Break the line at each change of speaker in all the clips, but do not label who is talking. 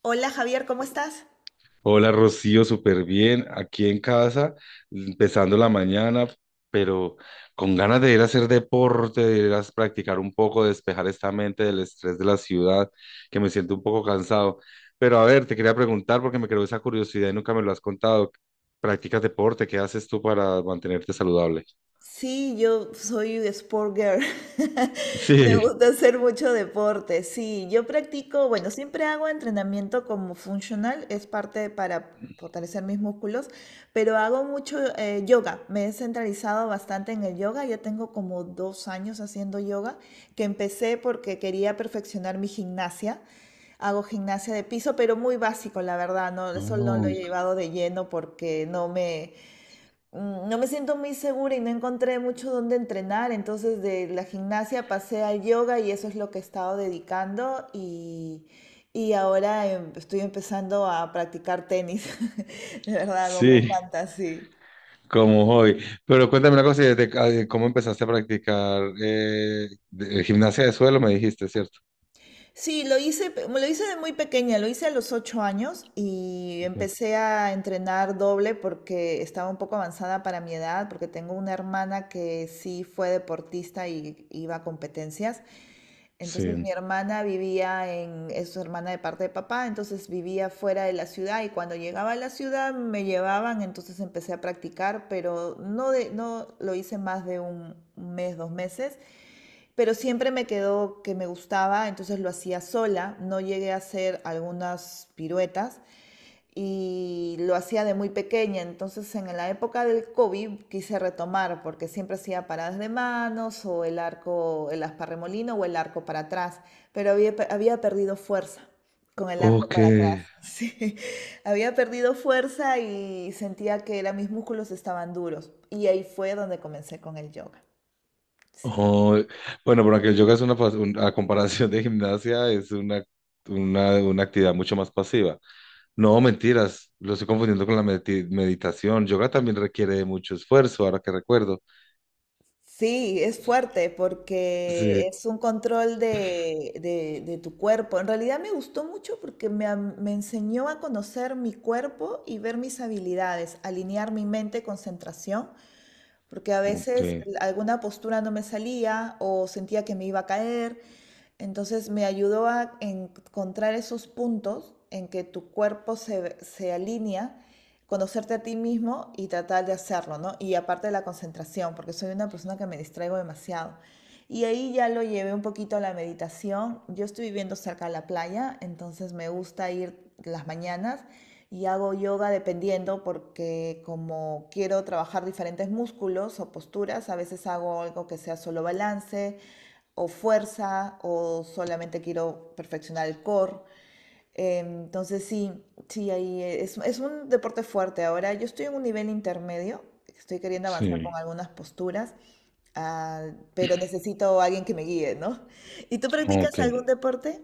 Hola Javier, ¿cómo estás?
Hola Rocío, súper bien, aquí en casa, empezando la mañana, pero con ganas de ir a hacer deporte, de ir a practicar un poco, despejar esta mente del estrés de la ciudad, que me siento un poco cansado. Pero a ver, te quería preguntar porque me creó esa curiosidad y nunca me lo has contado. ¿Practicas deporte? ¿Qué haces tú para mantenerte saludable?
Sí, yo soy sport girl. Me
Sí.
gusta hacer mucho deporte. Sí, yo practico, bueno, siempre hago entrenamiento como funcional, es parte para fortalecer mis músculos, pero hago mucho yoga. Me he centralizado bastante en el yoga. Ya tengo como 2 años haciendo yoga, que empecé porque quería perfeccionar mi gimnasia. Hago gimnasia de piso, pero muy básico, la verdad, no, eso no lo
Oh,
he llevado de lleno porque no me siento muy segura y no encontré mucho donde entrenar, entonces de la gimnasia pasé al yoga y eso es lo que he estado dedicando, y ahora estoy empezando a practicar tenis. De verdad, como me
sí,
encanta, sí.
como hoy. Pero cuéntame una cosa, ¿y cómo empezaste a practicar gimnasia de suelo? Me dijiste, ¿cierto?
Sí, lo hice, lo hice de muy pequeña, lo hice a los 8 años y empecé a entrenar doble porque estaba un poco avanzada para mi edad, porque tengo una hermana que sí fue deportista y iba a competencias. Entonces mi
Sí.
hermana vivía en, es su hermana de parte de papá, entonces vivía fuera de la ciudad y cuando llegaba a la ciudad me llevaban, entonces empecé a practicar, pero no, de, no lo hice más de 1 mes, 2 meses, pero siempre me quedó que me gustaba, entonces lo hacía sola, no llegué a hacer algunas piruetas, y lo hacía de muy pequeña. Entonces, en la época del COVID quise retomar porque siempre hacía paradas de manos o el arco, el asparremolino o el arco para atrás, pero había perdido fuerza con el arco
Ok.
para atrás. Sí, había perdido fuerza y sentía que era... mis músculos estaban duros. Y ahí fue donde comencé con el yoga. Sí.
Oh, bueno, pero aunque el yoga es a comparación de gimnasia, es una actividad mucho más pasiva. No, mentiras, lo estoy confundiendo con la meditación. Yoga también requiere de mucho esfuerzo, ahora que recuerdo.
Sí, es fuerte porque
Sí,
es un control de tu cuerpo. En realidad me gustó mucho porque me enseñó a conocer mi cuerpo y ver mis habilidades, alinear mi mente, concentración, porque a
ok,
veces alguna postura no me salía o sentía que me iba a caer. Entonces me ayudó a encontrar esos puntos en que tu cuerpo se alinea, conocerte a ti mismo y tratar de hacerlo, ¿no? Y aparte de la concentración, porque soy una persona que me distraigo demasiado. Y ahí ya lo llevé un poquito a la meditación. Yo estoy viviendo cerca de la playa, entonces me gusta ir las mañanas y hago yoga dependiendo, porque como quiero trabajar diferentes músculos o posturas, a veces hago algo que sea solo balance o fuerza, o solamente quiero perfeccionar el core. Entonces sí, sí, ahí es un deporte fuerte. Ahora yo estoy en un nivel intermedio, estoy queriendo avanzar con
sí,
algunas posturas, ah, pero necesito a alguien que me guíe, ¿no? ¿Y tú practicas
ok.
algún deporte?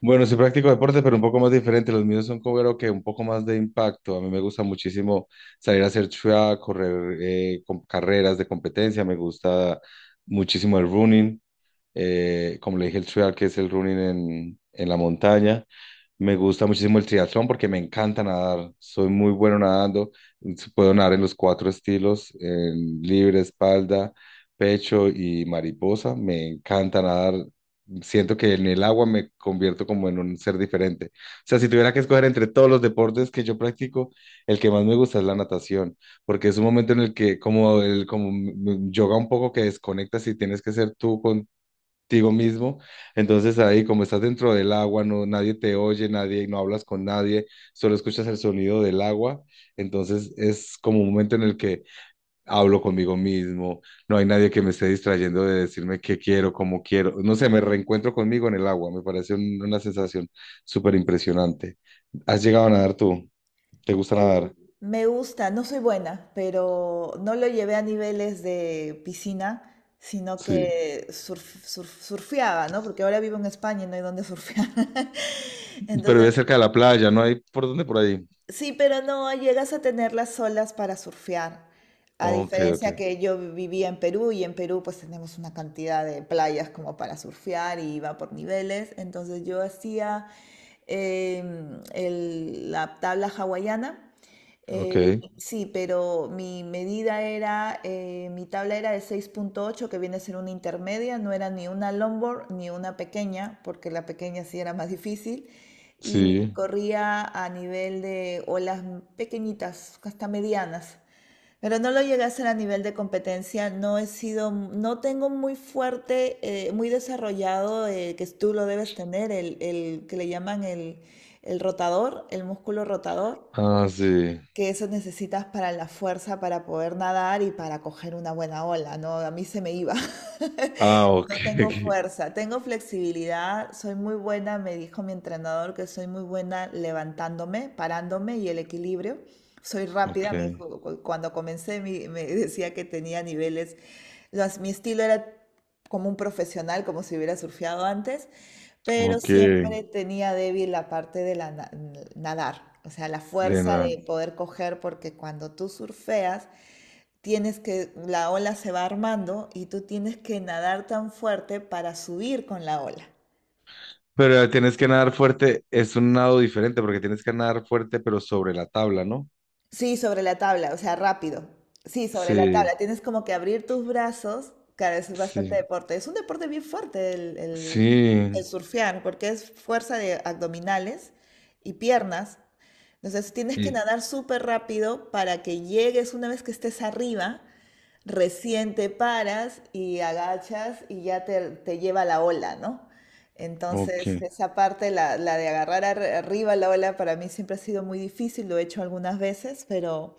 Bueno, sí practico deporte, pero un poco más diferente. Los míos son como creo que un poco más de impacto. A mí me gusta muchísimo salir a hacer track, correr carreras de competencia. Me gusta muchísimo el running. Como le dije, el trial, que es el running en la montaña. Me gusta muchísimo el triatlón porque me encanta nadar. Soy muy bueno nadando. Puedo nadar en los cuatro estilos, en libre, espalda, pecho y mariposa. Me encanta nadar. Siento que en el agua me convierto como en un ser diferente. O sea, si tuviera que escoger entre todos los deportes que yo practico, el que más me gusta es la natación, porque es un momento en el que como el como m- m- yoga un poco que desconectas y tienes que ser tú con contigo mismo. Entonces ahí, como estás dentro del agua, no, nadie te oye, nadie, no hablas con nadie, solo escuchas el sonido del agua. Entonces es como un momento en el que hablo conmigo mismo, no hay nadie que me esté distrayendo de decirme qué quiero, cómo quiero. No sé, me reencuentro conmigo en el agua, me parece una sensación súper impresionante. ¿Has llegado a nadar tú? ¿Te gusta
Eh,
nadar?
me gusta, no soy buena, pero no lo llevé a niveles de piscina, sino
Sí.
que surfeaba, ¿no? Porque ahora vivo en España y no hay donde surfear.
Pero vive
Entonces,
cerca de la playa, ¿no hay por dónde por ahí?
sí, pero no llegas a tener las olas para surfear. A
Ok, ok,
diferencia que yo vivía en Perú, y en Perú pues tenemos una cantidad de playas como para surfear y va por niveles. Entonces yo hacía la tabla hawaiana.
ok,
Sí, pero mi medida era, mi tabla era de 6.8, que viene a ser una intermedia, no era ni una longboard ni una pequeña, porque la pequeña sí era más difícil y
sí.
corría a nivel de olas pequeñitas, hasta medianas. Pero no lo llegué a hacer a nivel de competencia, no he sido, no tengo muy fuerte, muy desarrollado, que tú lo debes tener, el que le llaman el rotador, el músculo rotador,
Ah, sí.
que eso necesitas para la fuerza para poder nadar y para coger una buena ola, ¿no? A mí se me iba.
Ah,
No
ok,
tengo fuerza, tengo flexibilidad, soy muy buena, me dijo mi entrenador que soy muy buena levantándome, parándome y el equilibrio. Soy
ok,
rápida, me dijo, cuando comencé me decía que tenía niveles, mi estilo era como un profesional, como si hubiera surfeado antes, pero
ok, ok,
siempre tenía débil la parte nadar, o sea, la
de
fuerza
nada.
de poder coger, porque cuando tú surfeas, tienes que, la ola se va armando y tú tienes que nadar tan fuerte para subir con la ola.
Pero tienes que nadar fuerte, es un nado diferente porque tienes que nadar fuerte pero sobre la tabla, ¿no?
Sí, sobre la tabla, o sea, rápido. Sí, sobre la
Sí,
tabla. Tienes como que abrir tus brazos. Claro, eso es bastante
sí,
deporte. Es un deporte bien fuerte el
sí,
surfear, porque es fuerza de abdominales y piernas. Entonces tienes que
y,
nadar súper rápido para que llegues una vez que estés arriba, recién te paras y agachas y ya te lleva la ola, ¿no? Entonces,
ok.
esa parte, la de agarrar arriba la ola, para mí siempre ha sido muy difícil, lo he hecho algunas veces, pero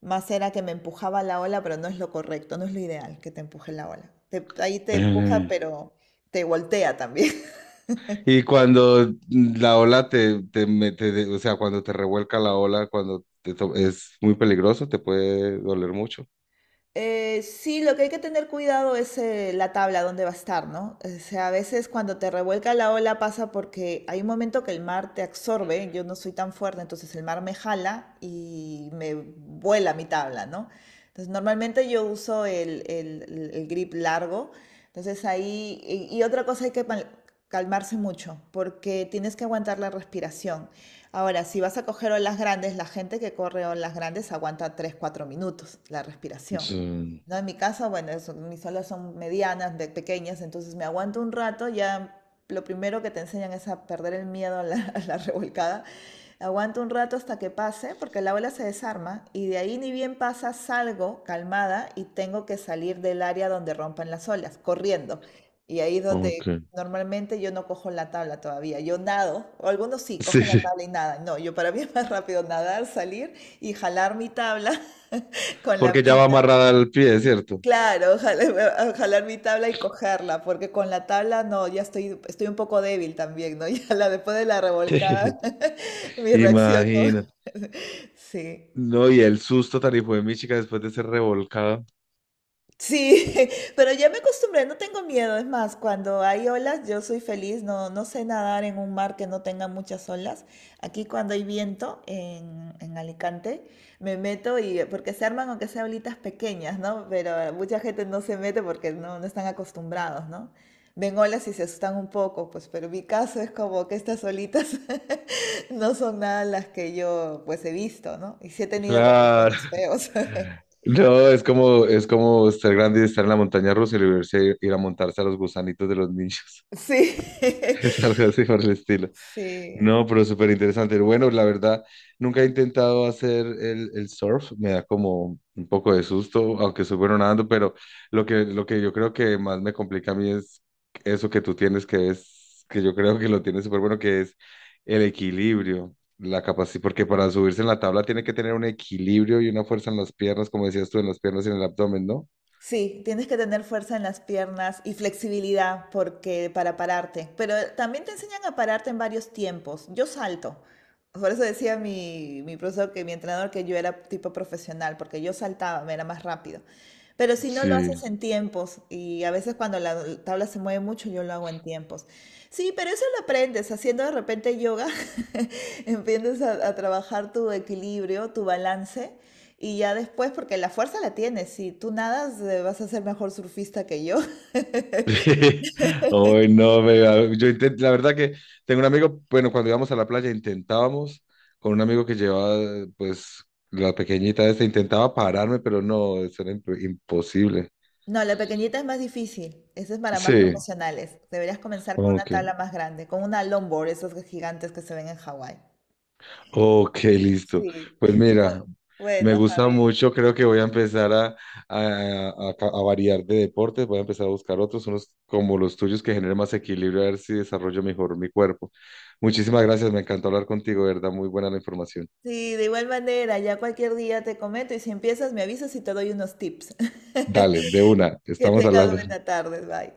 más era que me empujaba la ola, pero no es lo correcto, no es lo ideal que te empuje la ola. Ahí te empuja,
Eh,
pero te voltea también.
Y cuando la ola te mete, o sea, cuando te revuelca la ola, cuando es muy peligroso, te puede doler mucho.
Sí, lo que hay que tener cuidado es la tabla donde va a estar, ¿no? O sea, a veces cuando te revuelca la ola pasa porque hay un momento que el mar te absorbe, yo no soy tan fuerte, entonces el mar me jala y me vuela mi tabla, ¿no? Entonces normalmente yo uso el grip largo, entonces ahí, y otra cosa hay que calmarse mucho, porque tienes que aguantar la respiración. Ahora, si vas a coger olas grandes, la gente que corre olas grandes aguanta 3, 4 minutos la respiración.
Sí,
No, en mi casa, bueno, eso, mis salas son medianas, de pequeñas, entonces me aguanto un rato, ya lo primero que te enseñan es a perder el miedo a la, a la revolcada. Aguanto un rato hasta que pase, porque la ola se desarma, y de ahí ni bien pasa, salgo calmada y tengo que salir del área donde rompan las olas, corriendo. Y ahí es
ok.
donde normalmente yo no cojo la tabla todavía, yo nado, o algunos sí cogen la
Sí,
tabla y nadan. No, yo para mí es más rápido nadar, salir y jalar mi tabla con la
porque ya va
pita.
amarrada al pie, ¿cierto?
Claro, jalar, jalar mi tabla y cogerla, porque con la tabla no, ya estoy, estoy un poco débil también, ¿no? Ya después de la revolcada, mi reacción, ¿no?
Imagina.
Sí.
No, y el susto tan hijo de mi chica después de ser revolcada.
Sí, pero ya me acostumbré, no tengo miedo. Es más, cuando hay olas, yo soy feliz. No, no sé nadar en un mar que no tenga muchas olas. Aquí cuando hay viento en Alicante, me meto, y porque se arman aunque sea olitas pequeñas, ¿no? Pero mucha gente no se mete porque no, no están acostumbrados, ¿no? Ven olas y se asustan un poco, pues, pero mi caso es como que estas olitas no son nada las que yo, pues, he visto, ¿no? Y sí he tenido
Claro.
revolcones feos.
No, es como ser grande y estar en la montaña rusa y volverse a ir a montarse a los gusanitos de los niños.
Sí,
Es algo así por el estilo.
sí,
No, pero súper interesante. Bueno, la verdad, nunca he intentado hacer el surf, me da como un poco de susto, aunque soy bueno nadando, pero lo que yo creo que más me complica a mí es eso que tú tienes, que es, que yo creo que lo tienes súper bueno, que es el equilibrio, la capacidad, porque para subirse en la tabla tiene que tener un equilibrio y una fuerza en las piernas, como decías tú, en las piernas y en el abdomen, ¿no?
sí, tienes que tener fuerza en las piernas y flexibilidad porque para pararte, pero también te enseñan a pararte en varios tiempos. Yo salto. Por eso decía mi profesor, que mi entrenador, que yo era tipo profesional, porque yo saltaba, me era más rápido. Pero si no lo
Sí.
haces en tiempos, y a veces cuando la tabla se mueve mucho, yo lo hago en tiempos. Sí, pero eso lo aprendes haciendo de repente yoga, empiezas a trabajar tu equilibrio, tu balance, y ya después, porque la fuerza la tienes, si tú nadas vas a ser mejor surfista que yo.
Hoy no, la verdad que tengo un amigo, bueno, cuando íbamos a la playa intentábamos, con un amigo que llevaba, pues, la pequeñita esta, intentaba pararme, pero no, eso era imposible.
No, la pequeñita es más difícil, esa es para más
Sí,
profesionales. Deberías comenzar con una
ok,
tabla más grande, con una longboard, esas gigantes que se ven en Hawái.
ok, listo.
Sí.
Pues
Bu-
mira, me
Bueno,
gusta
Javier.
mucho, creo que voy a empezar a variar de deportes, voy a empezar a buscar otros, unos como los tuyos que generen más equilibrio, a ver si desarrollo mejor mi cuerpo. Muchísimas gracias, me encantó hablar contigo, de verdad, muy buena la información.
Sí, de igual manera, ya cualquier día te comento, y si empiezas me avisas y te doy unos tips.
Dale, de una,
Que
estamos
tengas
hablando.
buena tarde, bye.